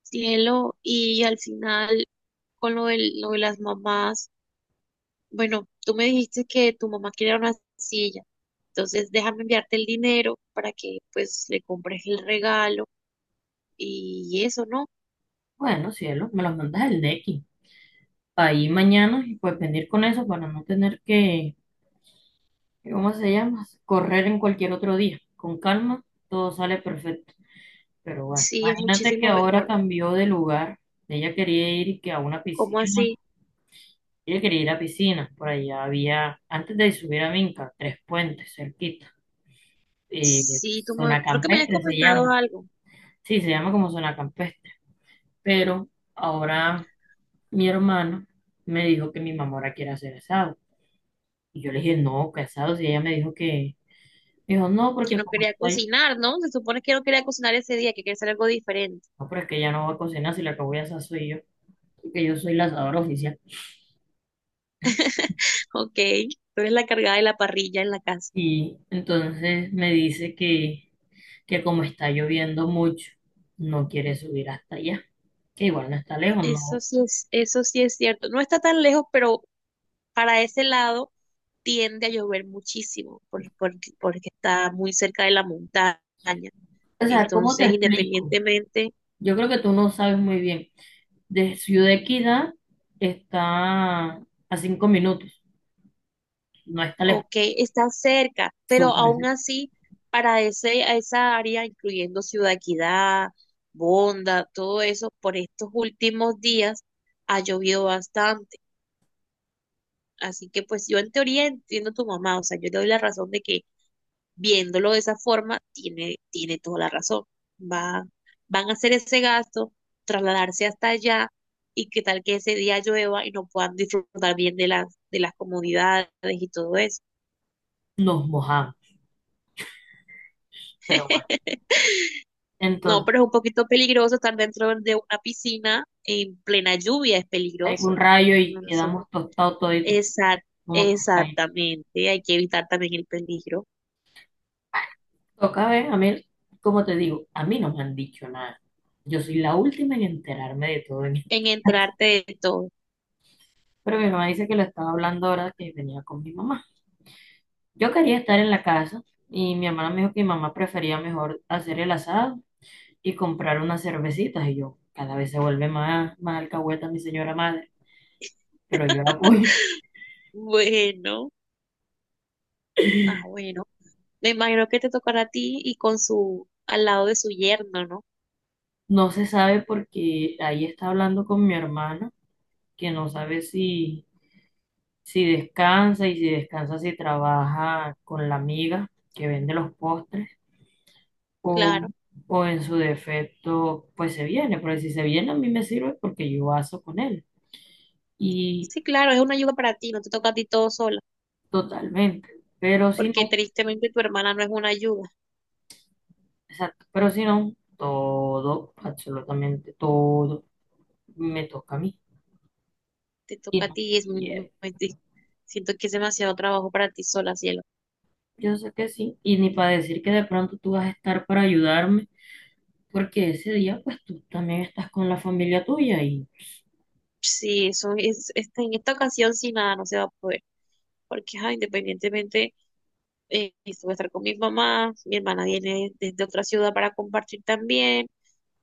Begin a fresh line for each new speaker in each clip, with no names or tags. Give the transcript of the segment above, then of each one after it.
Cielo, y al final, con lo de las mamás, bueno, tú me dijiste que tu mamá quería una silla, entonces déjame enviarte el dinero para que pues le compres el regalo y eso, ¿no?
Bueno, cielo, me los mandas el Nequi. Ahí mañana y pues venir con eso para no tener que, ¿cómo se llama? Correr en cualquier otro día. Con calma, todo sale perfecto. Pero bueno,
Sí, es
imagínate que
muchísimo
ahora
mejor.
cambió de lugar. Ella quería ir y que a una
¿Cómo
piscina.
así?
Ella quería ir a piscina. Por allá había, antes de subir a Minca, tres puentes cerquita.
Sí,
Zona
creo que me habías
campestre se
comentado
llama.
algo,
Sí, se llama como zona campestre. Pero ahora mi hermano me dijo que mi mamá ahora quiere hacer eso. Y yo le dije, no, casados. Y ella me dijo me dijo, no,
que
porque
no
como
quería
estoy,
cocinar, ¿no? Se supone que no quería cocinar ese día, que quería hacer algo diferente.
no, pero es que ella no va a cocinar, si la que voy a asar soy yo, porque yo soy la asadora oficial.
Ok, tú eres la cargada de la parrilla en la casa.
Y entonces me dice que como está lloviendo mucho, no quiere subir hasta allá, que igual no está lejos,
Eso
no.
sí es, eso sí es cierto. No está tan lejos, pero para ese lado tiende a llover muchísimo porque está muy cerca de la montaña.
O sea, ¿cómo
Entonces,
te explico?
independientemente,
Yo creo que tú no sabes muy bien. De Ciudad Equidad está a 5 minutos, no está lejos,
ok, está cerca, pero
súper,
aún
cerca.
así, para a esa área, incluyendo Ciudad Equidad, Bonda, todo eso, por estos últimos días ha llovido bastante. Así que pues yo en teoría entiendo a tu mamá, o sea, yo le doy la razón de que viéndolo de esa forma, tiene toda la razón. Va, van a hacer ese gasto, trasladarse hasta allá y qué tal que ese día llueva y no puedan disfrutar bien de de las comodidades y todo eso.
Nos mojamos, pero bueno.
No,
Entonces
pero es un poquito peligroso estar dentro de una piscina en plena lluvia, es
algún
peligroso.
rayo
Uno
y
no se-
quedamos tostados toditos
Exact-
como pescaditos.
exactamente, hay que evitar también el peligro
Toca ver, a mí, como te digo, a mí no me han dicho nada. Yo soy la última en enterarme de todo esto.
en entrarte de todo.
Pero mi mamá dice que lo estaba hablando ahora que venía con mi mamá. Yo quería estar en la casa y mi hermana me dijo que mi mamá prefería mejor hacer el asado y comprar unas cervecitas. Y yo, cada vez se vuelve más alcahueta mi señora madre, pero yo la apoyo.
Bueno, bueno. Me imagino que te tocará a ti y con al lado de su yerno, ¿no?
No se sabe porque ahí está hablando con mi hermana que no sabe si, si descansa y si descansa, si trabaja con la amiga que vende los postres o,
Claro.
o en su defecto, pues se viene, pero si se viene a mí me sirve porque yo aso con él y
Sí, claro, es una ayuda para ti, no te toca a ti todo sola,
totalmente, pero si
porque
no,
tristemente tu hermana no es una ayuda,
exacto, pero si no, todo, absolutamente todo me toca a mí
te
y
toca a
no,
ti y es
y,
muy triste. Siento que es demasiado trabajo para ti sola, cielo.
Yo sé que sí, y ni para decir que de pronto tú vas a estar para ayudarme porque ese día pues tú también estás con la familia tuya y
Sí, eso es, en esta ocasión sí nada, no se va a poder, porque ajá, independientemente, esto voy a estar con mi mamá, mi hermana viene desde otra ciudad para compartir también.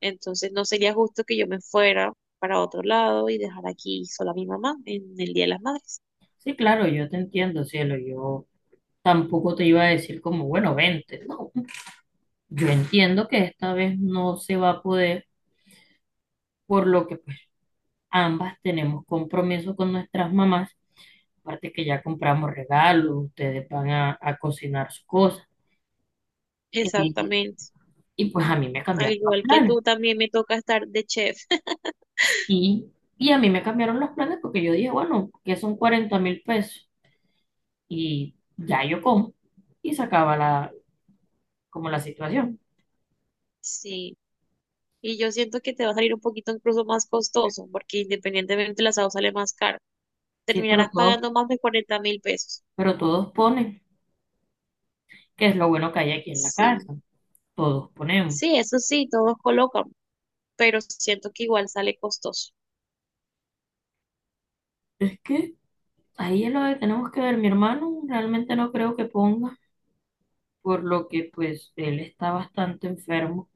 Entonces no sería justo que yo me fuera para otro lado y dejar aquí sola a mi mamá en el Día de las Madres.
sí, claro, yo te entiendo, cielo. Yo tampoco te iba a decir como, bueno, vente. No, yo entiendo que esta vez no se va a poder, por lo que pues ambas tenemos compromiso con nuestras mamás. Aparte que ya compramos regalos, ustedes van a cocinar sus cosas. Y,
Exactamente.
y pues a mí me
Al
cambiaron los
igual que
planes.
tú, también me toca estar de chef.
Y, y a mí me cambiaron los planes porque yo dije, bueno, que son 40.000 pesos. Y ya yo como. Y se acaba como la situación.
Sí. Y yo siento que te va a salir un poquito incluso más costoso, porque independientemente el asado sale más caro.
Sí,
Terminarás pagando más de 40.000 pesos.
pero todos ponen. Que es lo bueno que hay aquí en la
Sí.
casa, todos ponemos.
Sí, eso sí, todos colocan, pero siento que igual sale costoso.
Es que ahí es lo que tenemos que ver, mi hermano realmente no creo que ponga, por lo que pues él está bastante enfermo.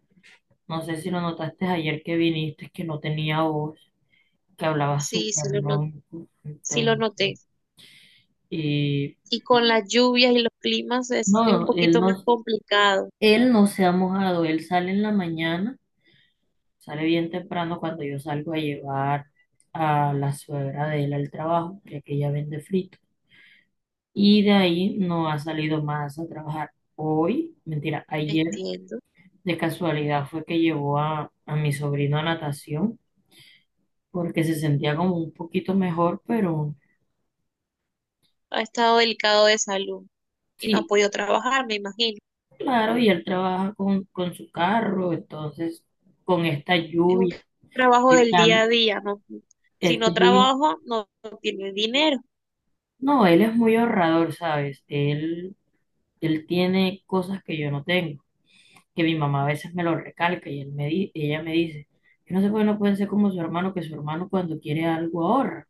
No sé si lo notaste ayer que viniste, que no tenía voz, que hablaba
Sí, sí
súper
lo no,
ronco,
sí lo
entonces,
noté.
y
Y con las lluvias y los climas es un
no, él
poquito más
no,
complicado.
él no se ha mojado, él sale en la mañana, sale bien temprano cuando yo salgo a llevar a la suegra de él al trabajo, ya que ella vende frito. Y de ahí no ha salido más a trabajar. Hoy, mentira, ayer
Entiendo.
de casualidad fue que llevó a mi sobrino a natación porque se sentía como un poquito mejor, pero
Ha estado delicado de salud y no ha
sí,
podido trabajar, me imagino.
claro, y él trabaja con su carro, entonces con esta
Es un
lluvia,
trabajo
y
del día
tan-
a día, ¿no? Si
esta
no
lluvia,
trabajo, no tiene dinero.
no, él es muy ahorrador, ¿sabes? Él tiene cosas que yo no tengo. Que mi mamá a veces me lo recalca y ella me dice, yo no sé por qué no pueden ser como su hermano, que su hermano cuando quiere algo ahorra.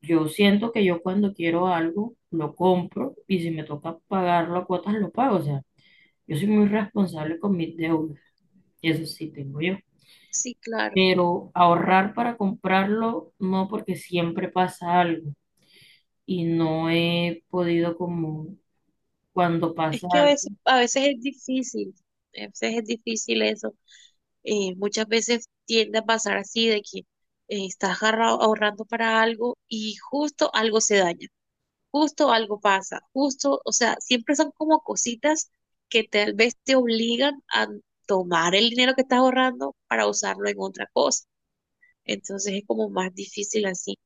Yo siento que yo cuando quiero algo lo compro y si me toca pagarlo a cuotas lo pago. O sea, yo soy muy responsable con mis deudas, eso sí tengo yo.
Sí, claro.
Pero ahorrar para comprarlo no porque siempre pasa algo y no he podido como cuando
Es
pasa
que
algo.
a veces es difícil, a veces es difícil eso. Muchas veces tiende a pasar así de que estás ahorrando para algo y justo algo se daña. Justo algo pasa, justo, o sea, siempre son como cositas que tal vez te obligan a tomar el dinero que estás ahorrando para usarlo en otra cosa. Entonces es como más difícil así.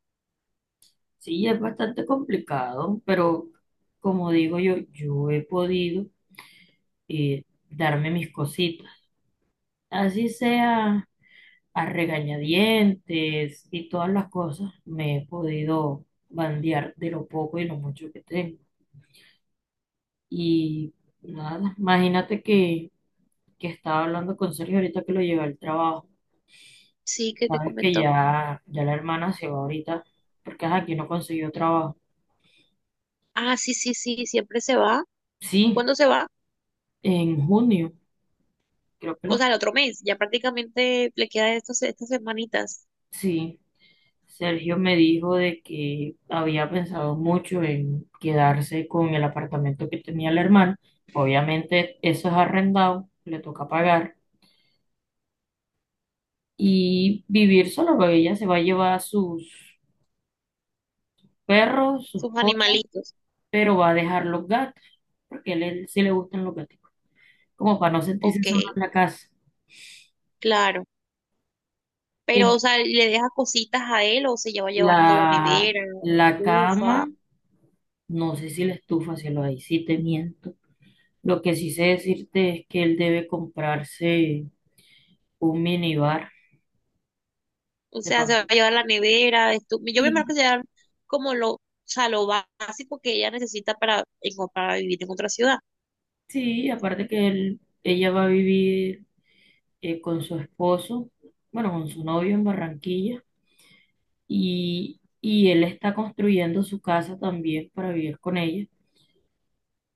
Sí, es bastante complicado, pero como digo yo, yo he podido eh, darme mis cositas. Así sea a regañadientes y todas las cosas, me he podido bandear de lo poco y lo mucho que tengo. Y nada, imagínate que estaba hablando con Sergio ahorita que lo llevé al trabajo.
Sí, que te
Sabes que
comentó.
ya la hermana se va ahorita porque ajá, aquí no consiguió trabajo.
Ah, sí, sí, sí, siempre se va.
Sí,
¿Cuándo se va?
en junio, creo que
O
lo...
sea, el otro mes. Ya prácticamente le quedan estas semanitas,
Sí. Sergio me dijo de que había pensado mucho en quedarse con el apartamento que tenía el hermano. Obviamente eso es arrendado, le toca pagar y vivir solo, porque ella se va a llevar sus perros, sus
sus
cosas,
animalitos.
pero va a dejar los gatos, porque a él sí le gustan los gatos, como para no sentirse
Ok,
sola en la casa.
claro.
Eh,
Pero, o sea, ¿le deja cositas a él o se lleva a llevar todo,
La,
nevera,
la
ufa?
cama, no sé si la estufa, si lo ahí sí te miento. Lo que sí sé decirte es que él debe comprarse un minibar,
O
de
sea, se va
pronto.
a llevar la nevera, yo me imagino que
Sí,
se llevan o sea, lo básico que ella necesita para, para vivir en otra ciudad.
sí, aparte que ella va a vivir con su esposo, bueno, con su novio en Barranquilla, y él está construyendo su casa también para vivir con ella,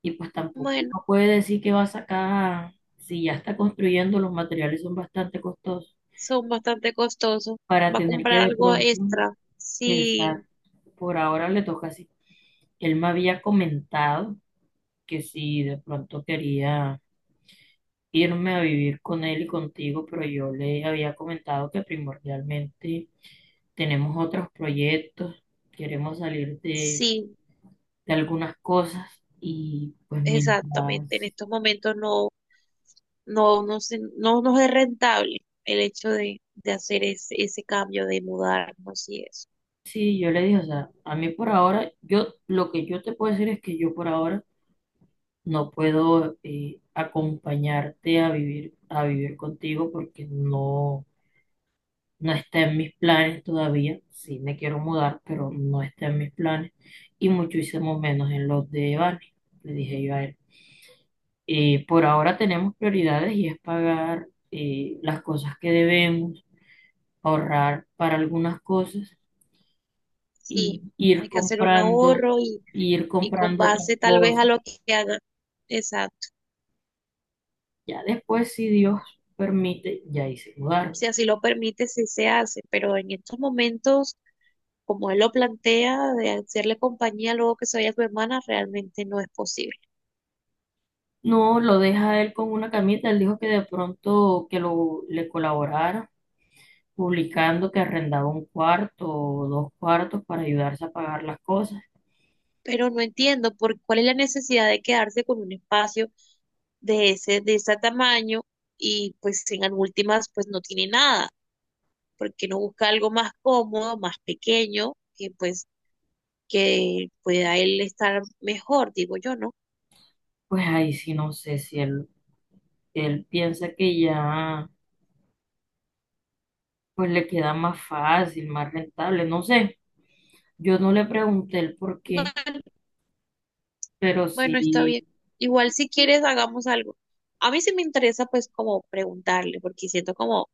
y pues tampoco
Bueno,
uno puede decir que va a sacar, si ya está construyendo, los materiales son bastante costosos,
son bastante costosos.
para
Va a
tener que
comprar
de
algo
pronto,
extra. Sí,
exacto, por ahora le toca así. Él me había comentado que si de pronto quería irme a vivir con él y contigo, pero yo le había comentado que primordialmente tenemos otros proyectos, queremos salir
sí,
de algunas cosas y pues
exactamente. En
mientras,
estos momentos no nos es rentable el hecho de hacer ese cambio, de mudarnos y eso.
sí, yo le dije, o sea, a mí por ahora, yo lo que yo te puedo decir es que yo por ahora no puedo acompañarte a vivir contigo porque no. No está en mis planes todavía. Sí, me quiero mudar, pero no está en mis planes. Y muchísimo menos en los de Vane, le dije yo a él. Por ahora tenemos prioridades y es pagar las cosas que debemos, ahorrar para algunas cosas y
Sí,
ir
hay que hacer un
comprando,
ahorro
y ir
y con
comprando otras
base tal vez
cosas.
a lo que haga. Exacto.
Ya después, si Dios permite, ya hice mudar.
Si así lo permite, sí se hace, pero en estos momentos, como él lo plantea, de hacerle compañía luego que se vaya su hermana, realmente no es posible.
No, lo deja él con una camita. Él dijo que de pronto que lo le colaborara publicando que arrendaba un cuarto o dos cuartos para ayudarse a pagar las cosas.
Pero no entiendo por cuál es la necesidad de quedarse con un espacio de de ese tamaño y pues en las últimas pues no tiene nada, ¿porque no busca algo más cómodo, más pequeño, que pueda él estar mejor, digo yo, no?
Pues ahí sí no sé si él piensa que ya pues le queda más fácil, más rentable, no sé. Yo no le pregunté el por qué,
Bueno,
pero
Bueno, está
sí,
bien. Igual si quieres hagamos algo. A mí sí me interesa pues como preguntarle, porque siento como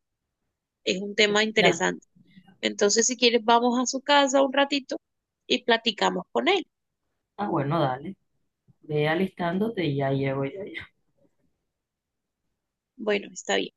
es un tema
ya,
interesante. Entonces, si quieres, vamos a su casa un ratito y platicamos con él.
ah, bueno, dale, ve alistándote y ya llego yo.
Bueno, está bien.